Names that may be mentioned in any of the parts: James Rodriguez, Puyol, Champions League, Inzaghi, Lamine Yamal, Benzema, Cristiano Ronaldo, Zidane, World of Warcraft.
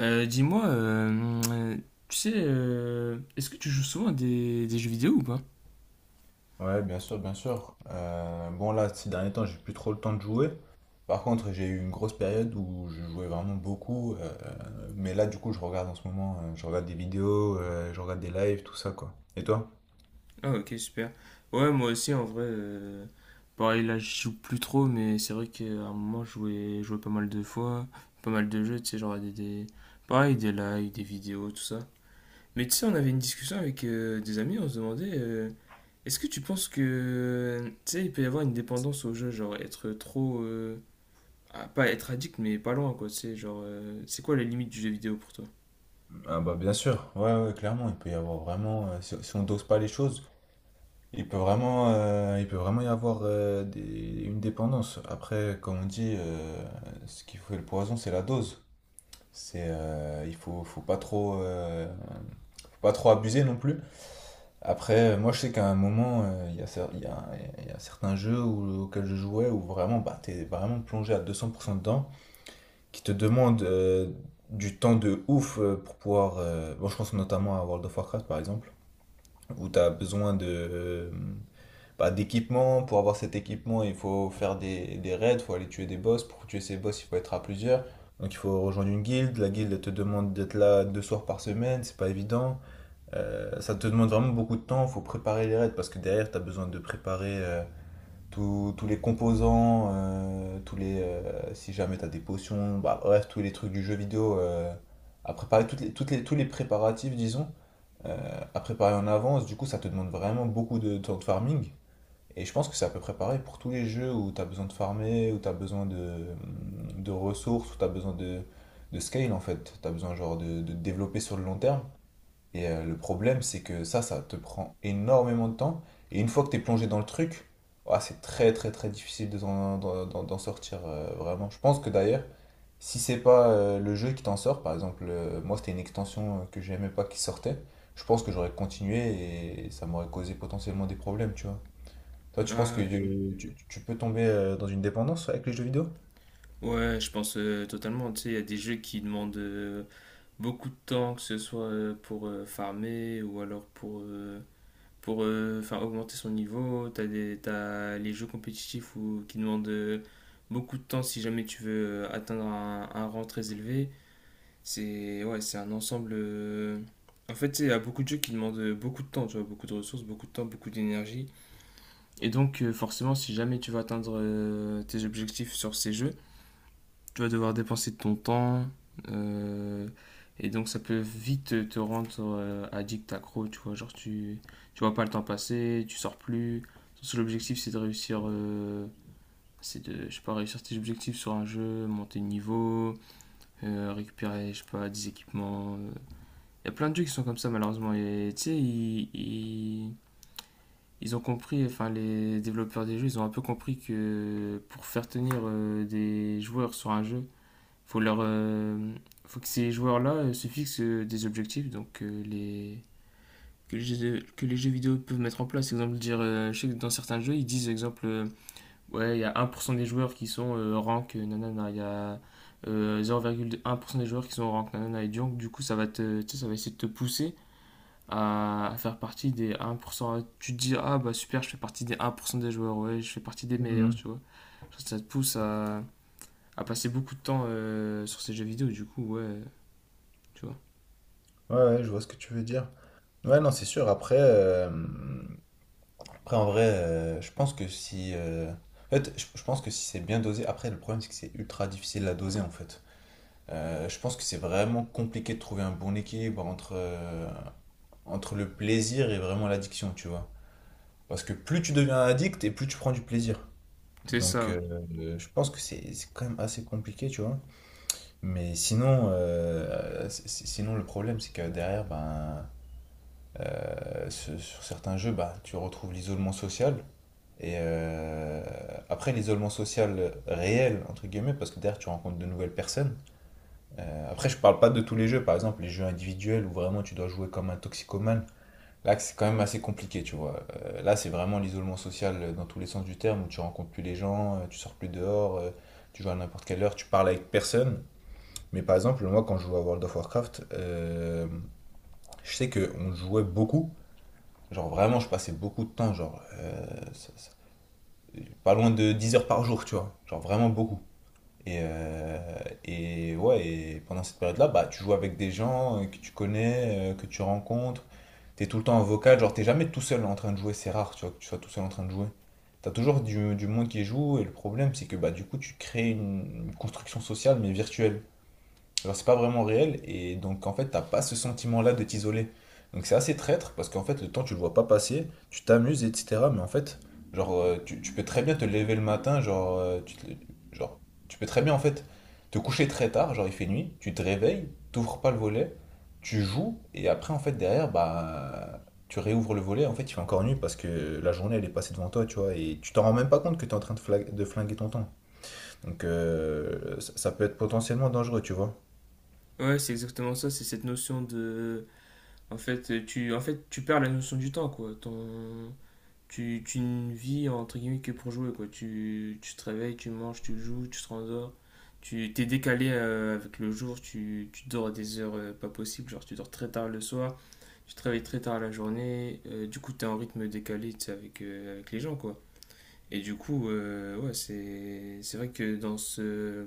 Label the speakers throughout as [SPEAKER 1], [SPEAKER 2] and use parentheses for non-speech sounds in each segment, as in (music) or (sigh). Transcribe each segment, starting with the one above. [SPEAKER 1] Dis-moi, est-ce que tu joues souvent à des jeux vidéo ou pas?
[SPEAKER 2] Ouais, bien sûr, bien sûr. Bon, là, ces derniers temps, j'ai plus trop le temps de jouer. Par contre, j'ai eu une grosse période où je jouais vraiment beaucoup. Mais là, du coup, je regarde en ce moment, je regarde des vidéos, je regarde des lives, tout ça, quoi. Et toi?
[SPEAKER 1] Ah, ok, super. Ouais, moi aussi, en vrai, pareil, là, je joue plus trop, mais c'est vrai qu'à un moment, je jouais pas mal de fois, pas mal de jeux, tu sais, genre pareil, des lives, des vidéos, tout ça. Mais tu sais, on avait une discussion avec des amis, on se demandait, est-ce que tu penses que, tu sais, il peut y avoir une dépendance au jeu, genre être trop, Ah, pas être addict, mais pas loin, quoi. Tu sais, genre, c'est quoi la limite du jeu vidéo pour toi?
[SPEAKER 2] Ah bah bien sûr, ouais, ouais, clairement, il peut y avoir vraiment, si on dose pas les choses, il peut vraiment y avoir une dépendance. Après, comme on dit, ce qui fait le poison, c'est la dose. C'est, euh, il faut, faut pas trop, euh, faut pas trop abuser non plus. Après, moi, je sais qu'à un moment, il y a certains jeux auxquels je jouais où vraiment, bah, t'es vraiment plongé à 200% dedans, qui te demandent du temps de ouf pour pouvoir. Bon, je pense notamment à World of Warcraft, par exemple, où t'as besoin de, bah, d'équipement. Pour avoir cet équipement, il faut faire des raids, il faut aller tuer des boss. Pour tuer ces boss, il faut être à plusieurs. Donc, il faut rejoindre une guilde. La guilde, elle te demande d'être là deux soirs par semaine, c'est pas évident. Ça te demande vraiment beaucoup de temps, il faut préparer les raids parce que derrière, tu as besoin de préparer tous les composants, si jamais tu as des potions, bah, bref, tous les trucs du jeu vidéo à préparer, tous les préparatifs, disons, à préparer en avance. Du coup, ça te demande vraiment beaucoup de temps de farming. Et je pense que c'est à peu près pareil pour tous les jeux où tu as besoin de farmer, où tu as besoin de ressources, où tu as besoin de scale en fait. Tu as besoin genre de te développer sur le long terme. Le problème, c'est que ça te prend énormément de temps. Et une fois que tu es plongé dans le truc, ouah, c'est très très très difficile de d'en sortir vraiment. Je pense que d'ailleurs, si c'est pas le jeu qui t'en sort, par exemple, moi c'était une extension que j'aimais pas qui sortait, je pense que j'aurais continué et ça m'aurait causé potentiellement des problèmes, tu vois. Toi, tu penses que
[SPEAKER 1] Ah, je...
[SPEAKER 2] tu peux tomber dans une dépendance ouais, avec les jeux vidéo?
[SPEAKER 1] Ouais, je pense totalement. Tu sais, il y a des jeux qui demandent beaucoup de temps, que ce soit pour farmer ou alors pour faire augmenter son niveau. T'as les jeux compétitifs ou qui demandent beaucoup de temps si jamais tu veux atteindre un rang très élevé. C'est ouais, c'est un ensemble. En fait, tu sais, il y a beaucoup de jeux qui demandent beaucoup de temps, tu vois, beaucoup de ressources, beaucoup de temps, beaucoup d'énergie. Et donc, forcément, si jamais tu veux atteindre tes objectifs sur ces jeux, tu vas devoir dépenser de ton temps. euh, et donc, ça peut vite te rendre addict, accro, tu vois. Tu vois pas le temps passer, tu sors plus. Ton seul objectif, c'est de réussir. C'est de, je sais pas, réussir tes objectifs sur un jeu, monter de niveau, récupérer, je sais pas, des équipements. Il y a plein de jeux qui sont comme ça, malheureusement. Et tu sais, ils ont compris, enfin les développeurs des jeux, ils ont un peu compris que pour faire tenir des joueurs sur un jeu, faut leur, euh, faut que ces joueurs-là se fixent des objectifs, donc les que les jeux vidéo peuvent mettre en place. Exemple, dire, je sais que dans certains jeux, ils disent, exemple, ouais, il y a 1% des joueurs qui sont rank, nanana, il y a 0,1% des joueurs qui sont rank, nanana, et donc, du coup, ça va te, tu sais, ça va essayer de te pousser à faire partie des 1%. Tu te dis, ah bah super, je fais partie des 1% des joueurs, ouais, je fais partie des meilleurs,
[SPEAKER 2] Mhm.
[SPEAKER 1] tu vois. Ça te pousse à passer beaucoup de temps sur ces jeux vidéo, du coup, ouais, tu vois.
[SPEAKER 2] Ouais, ouais, je vois ce que tu veux dire. Ouais, non, c'est sûr. Après, en vrai, je pense que si. En fait, je pense que si c'est bien dosé. Après, le problème, c'est que c'est ultra difficile à doser, en fait. Je pense que c'est vraiment compliqué de trouver un bon équilibre entre le plaisir et vraiment l'addiction, tu vois. Parce que plus tu deviens addict et plus tu prends du plaisir.
[SPEAKER 1] C'est
[SPEAKER 2] Donc,
[SPEAKER 1] ça.
[SPEAKER 2] je pense que c'est quand même assez compliqué, tu vois. Mais sinon, sinon le problème, c'est que derrière, ben. Sur sur certains jeux, bah, tu retrouves l'isolement social. Et après, l'isolement social réel, entre guillemets, parce que derrière, tu rencontres de nouvelles personnes. Après, je parle pas de tous les jeux, par exemple, les jeux individuels où vraiment tu dois jouer comme un toxicomane. Là, c'est quand même assez compliqué, tu vois. Là, c'est vraiment l'isolement social dans tous les sens du terme, où tu rencontres plus les gens, tu sors plus dehors, tu joues à n'importe quelle heure, tu parles avec personne. Mais par exemple, moi, quand je jouais à World of Warcraft, je sais qu'on jouait beaucoup. Genre vraiment, je passais beaucoup de temps, genre ça- ça- pas loin de 10 heures par jour, tu vois. Genre vraiment beaucoup. Et, euh, et ouais, et pendant cette période-là, bah, tu joues avec des gens que tu connais, que tu rencontres. T'es tout le temps en vocal, genre t'es jamais tout seul en train de jouer, c'est rare, tu vois, que tu sois tout seul en train de jouer. T'as toujours du monde qui joue, et le problème, c'est que bah, du coup, tu crées une construction sociale, mais virtuelle. Genre, c'est pas vraiment réel, et donc en fait, t'as pas ce sentiment-là de t'isoler. Donc c'est assez traître, parce qu'en fait, le temps, tu le vois pas passer, tu t'amuses, etc. Mais en fait, tu peux très bien te lever le matin, genre, tu peux très bien en fait te coucher très tard, genre il fait nuit, tu te réveilles, t'ouvres pas le volet, tu joues, et après, en fait, derrière, bah, tu réouvres le volet, en fait, il fait encore nuit, parce que la journée, elle est passée devant toi, tu vois, et tu t'en rends même pas compte que t'es en train de de flinguer ton temps. Donc ça ça peut être potentiellement dangereux, tu vois.
[SPEAKER 1] Ouais, c'est exactement ça, c'est cette notion de... En fait, tu perds la notion du temps, quoi. Tu ne vis, entre guillemets, que pour jouer, quoi. Tu te réveilles, tu manges, tu joues, tu te rendors. Tu t'es décalé avec le jour, tu dors à des heures pas possibles, genre tu dors très tard le soir, je travaille très tard la journée, du coup t'es en rythme décalé tu sais, avec, avec les gens quoi. Et du coup, ouais, c'est vrai que dans ce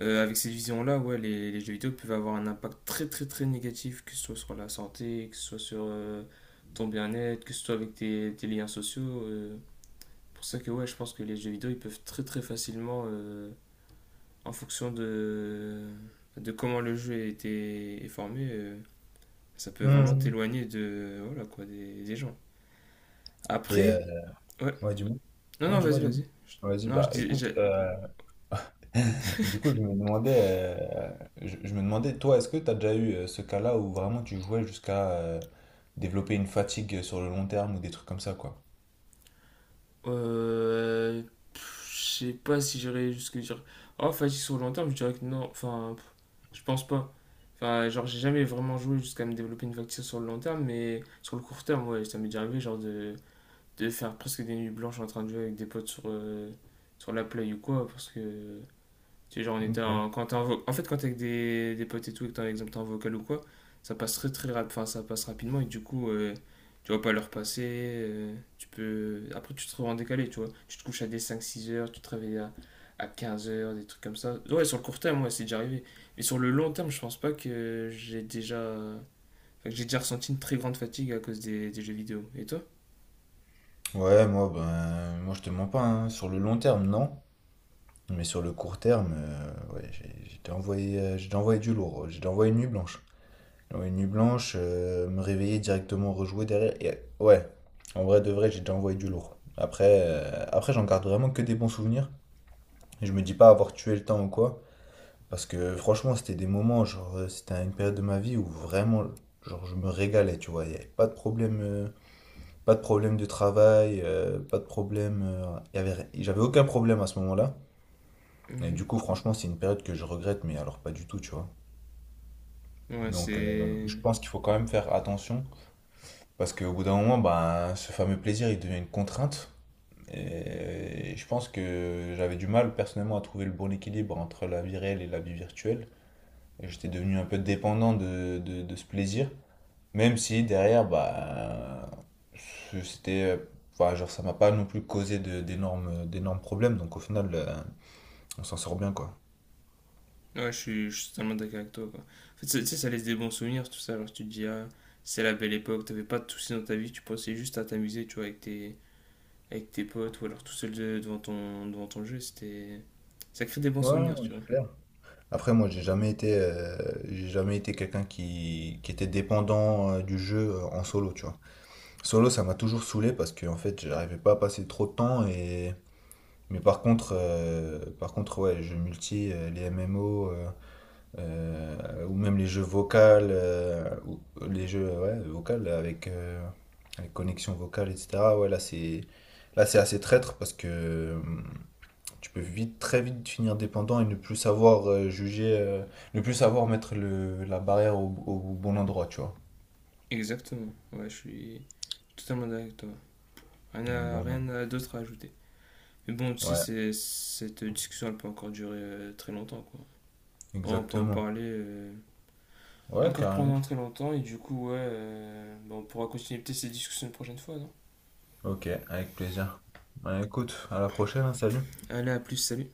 [SPEAKER 1] avec cette vision-là, ouais, les jeux vidéo peuvent avoir un impact très très très négatif, que ce soit sur la santé, que ce soit sur ton bien-être, que ce soit avec tes liens sociaux. Pour ça que ouais, je pense que les jeux vidéo ils peuvent très très facilement, en fonction de comment le jeu a été est formé, ça peut vraiment
[SPEAKER 2] Mhm.
[SPEAKER 1] t'éloigner de voilà quoi des gens.
[SPEAKER 2] Et euh,
[SPEAKER 1] Après, ouais.
[SPEAKER 2] ouais, du moins.
[SPEAKER 1] Non,
[SPEAKER 2] Non,
[SPEAKER 1] non,
[SPEAKER 2] du moins,
[SPEAKER 1] vas-y,
[SPEAKER 2] du moins.
[SPEAKER 1] vas-y. Je-
[SPEAKER 2] Vas-y,
[SPEAKER 1] Non, je
[SPEAKER 2] bah
[SPEAKER 1] dis.
[SPEAKER 2] écoute,
[SPEAKER 1] Je-
[SPEAKER 2] (laughs) du coup, je me demandais, je me demandais, toi, est-ce que tu as déjà eu ce cas-là où vraiment tu jouais jusqu'à développer une fatigue sur le long terme ou des trucs comme ça, quoi?
[SPEAKER 1] Euh... pff, je sais pas si j'irais jusque dire. Oh, fatigue sur le long terme, je dirais que non. Enfin, pff, je pense pas. Enfin, genre, j'ai jamais vraiment joué jusqu'à me développer une fatigue sur le long terme, mais sur le court terme, ouais, ça m'est déjà arrivé, genre, de faire presque des nuits blanches en train de jouer avec des potes sur la play ou quoi, parce que tu sais, genre,
[SPEAKER 2] Ok.
[SPEAKER 1] quand en fait, quand t'es avec des potes et tout, et que t'es, par exemple, t'es en vocal ou quoi, ça passe enfin, ça passe rapidement et du coup, tu vas pas leur passer. Tu peux... Après, tu te retrouves en décalé, tu vois. Tu te couches à des cinq six heures, tu te réveilles à 15 heures, des trucs comme ça. Ouais, sur le court terme, moi, c'est déjà arrivé. Mais sur le long terme, je pense pas que j'ai déjà. Enfin, que j'ai déjà ressenti une très grande fatigue à cause des jeux vidéo. Et toi?
[SPEAKER 2] Ouais, moi, ben, moi, je te mens pas, hein. Sur le long terme, non. Mais sur le court terme, ouais, j'ai déjà envoyé du lourd, j'ai déjà envoyé une nuit blanche. Ouais, une nuit blanche, me réveiller directement, rejouer derrière. Ouais, en vrai de vrai, j'ai déjà envoyé du lourd. Après, après j'en garde vraiment que des bons souvenirs. Et je me dis pas avoir tué le temps ou quoi. Parce que franchement, c'était des moments, c'était une période de ma vie où vraiment, genre, je me régalais, tu vois. Il n'y avait pas de problème, pas de problème de travail, pas de problème. Il y avait, ri- J'avais aucun problème à ce moment-là. Et
[SPEAKER 1] Mhm.
[SPEAKER 2] du coup, franchement, c'est une période que je regrette, mais alors pas du tout, tu vois.
[SPEAKER 1] Ouais,
[SPEAKER 2] Donc,
[SPEAKER 1] c'est.
[SPEAKER 2] je pense qu'il faut quand même faire attention. Parce qu'au bout d'un moment, ben, ce fameux plaisir, il devient une contrainte. Et je pense que j'avais du mal personnellement à trouver le bon équilibre entre la vie réelle et la vie virtuelle. Et j'étais devenu un peu dépendant de ce plaisir. Même si derrière, bah, c'était, enfin, genre, ça m'a pas non plus causé d'énormes, d'énormes problèmes. Donc au final, on s'en sort bien, quoi.
[SPEAKER 1] Ouais, je suis totalement d'accord avec toi, quoi. En fait, ça- tu sais, ça laisse des bons souvenirs, tout ça. Genre, tu te dis, ah, c'est la belle époque, t'avais pas de soucis dans ta vie, tu pensais juste à t'amuser, tu vois, avec avec tes potes ou alors tout seul devant devant ton jeu. C'était... Ça crée des bons
[SPEAKER 2] Ouais,
[SPEAKER 1] souvenirs,
[SPEAKER 2] ouais,
[SPEAKER 1] tu vois.
[SPEAKER 2] c'est clair. Après, moi, j'ai jamais été quelqu'un qui était dépendant du jeu en solo, tu vois. Solo, ça m'a toujours saoulé parce que en fait, j'arrivais pas à passer trop de temps et mais par contre ouais, les jeux multi, les MMO ou même les jeux vocales ou les jeux ouais, vocales avec avec connexion vocale etc. Ouais, là c'est assez traître parce que tu peux vite très vite finir dépendant et ne plus savoir juger ne plus savoir mettre le la barrière au bon endroit, tu vois.
[SPEAKER 1] Exactement. Ouais, je suis totalement d'accord avec toi.
[SPEAKER 2] Donc bon,
[SPEAKER 1] Rien à d'autre à ajouter. Mais bon, tu sais,
[SPEAKER 2] ouais,
[SPEAKER 1] c'est- cette discussion, elle peut encore durer très longtemps, quoi. On peut en
[SPEAKER 2] exactement.
[SPEAKER 1] parler
[SPEAKER 2] Ouais,
[SPEAKER 1] encore
[SPEAKER 2] carrément.
[SPEAKER 1] pendant très longtemps et du coup, ouais, bah, on pourra continuer peut-être cette discussion une prochaine fois, non?
[SPEAKER 2] Ok, avec plaisir. Bah, écoute, à la prochaine, hein, salut.
[SPEAKER 1] Allez, à plus, salut.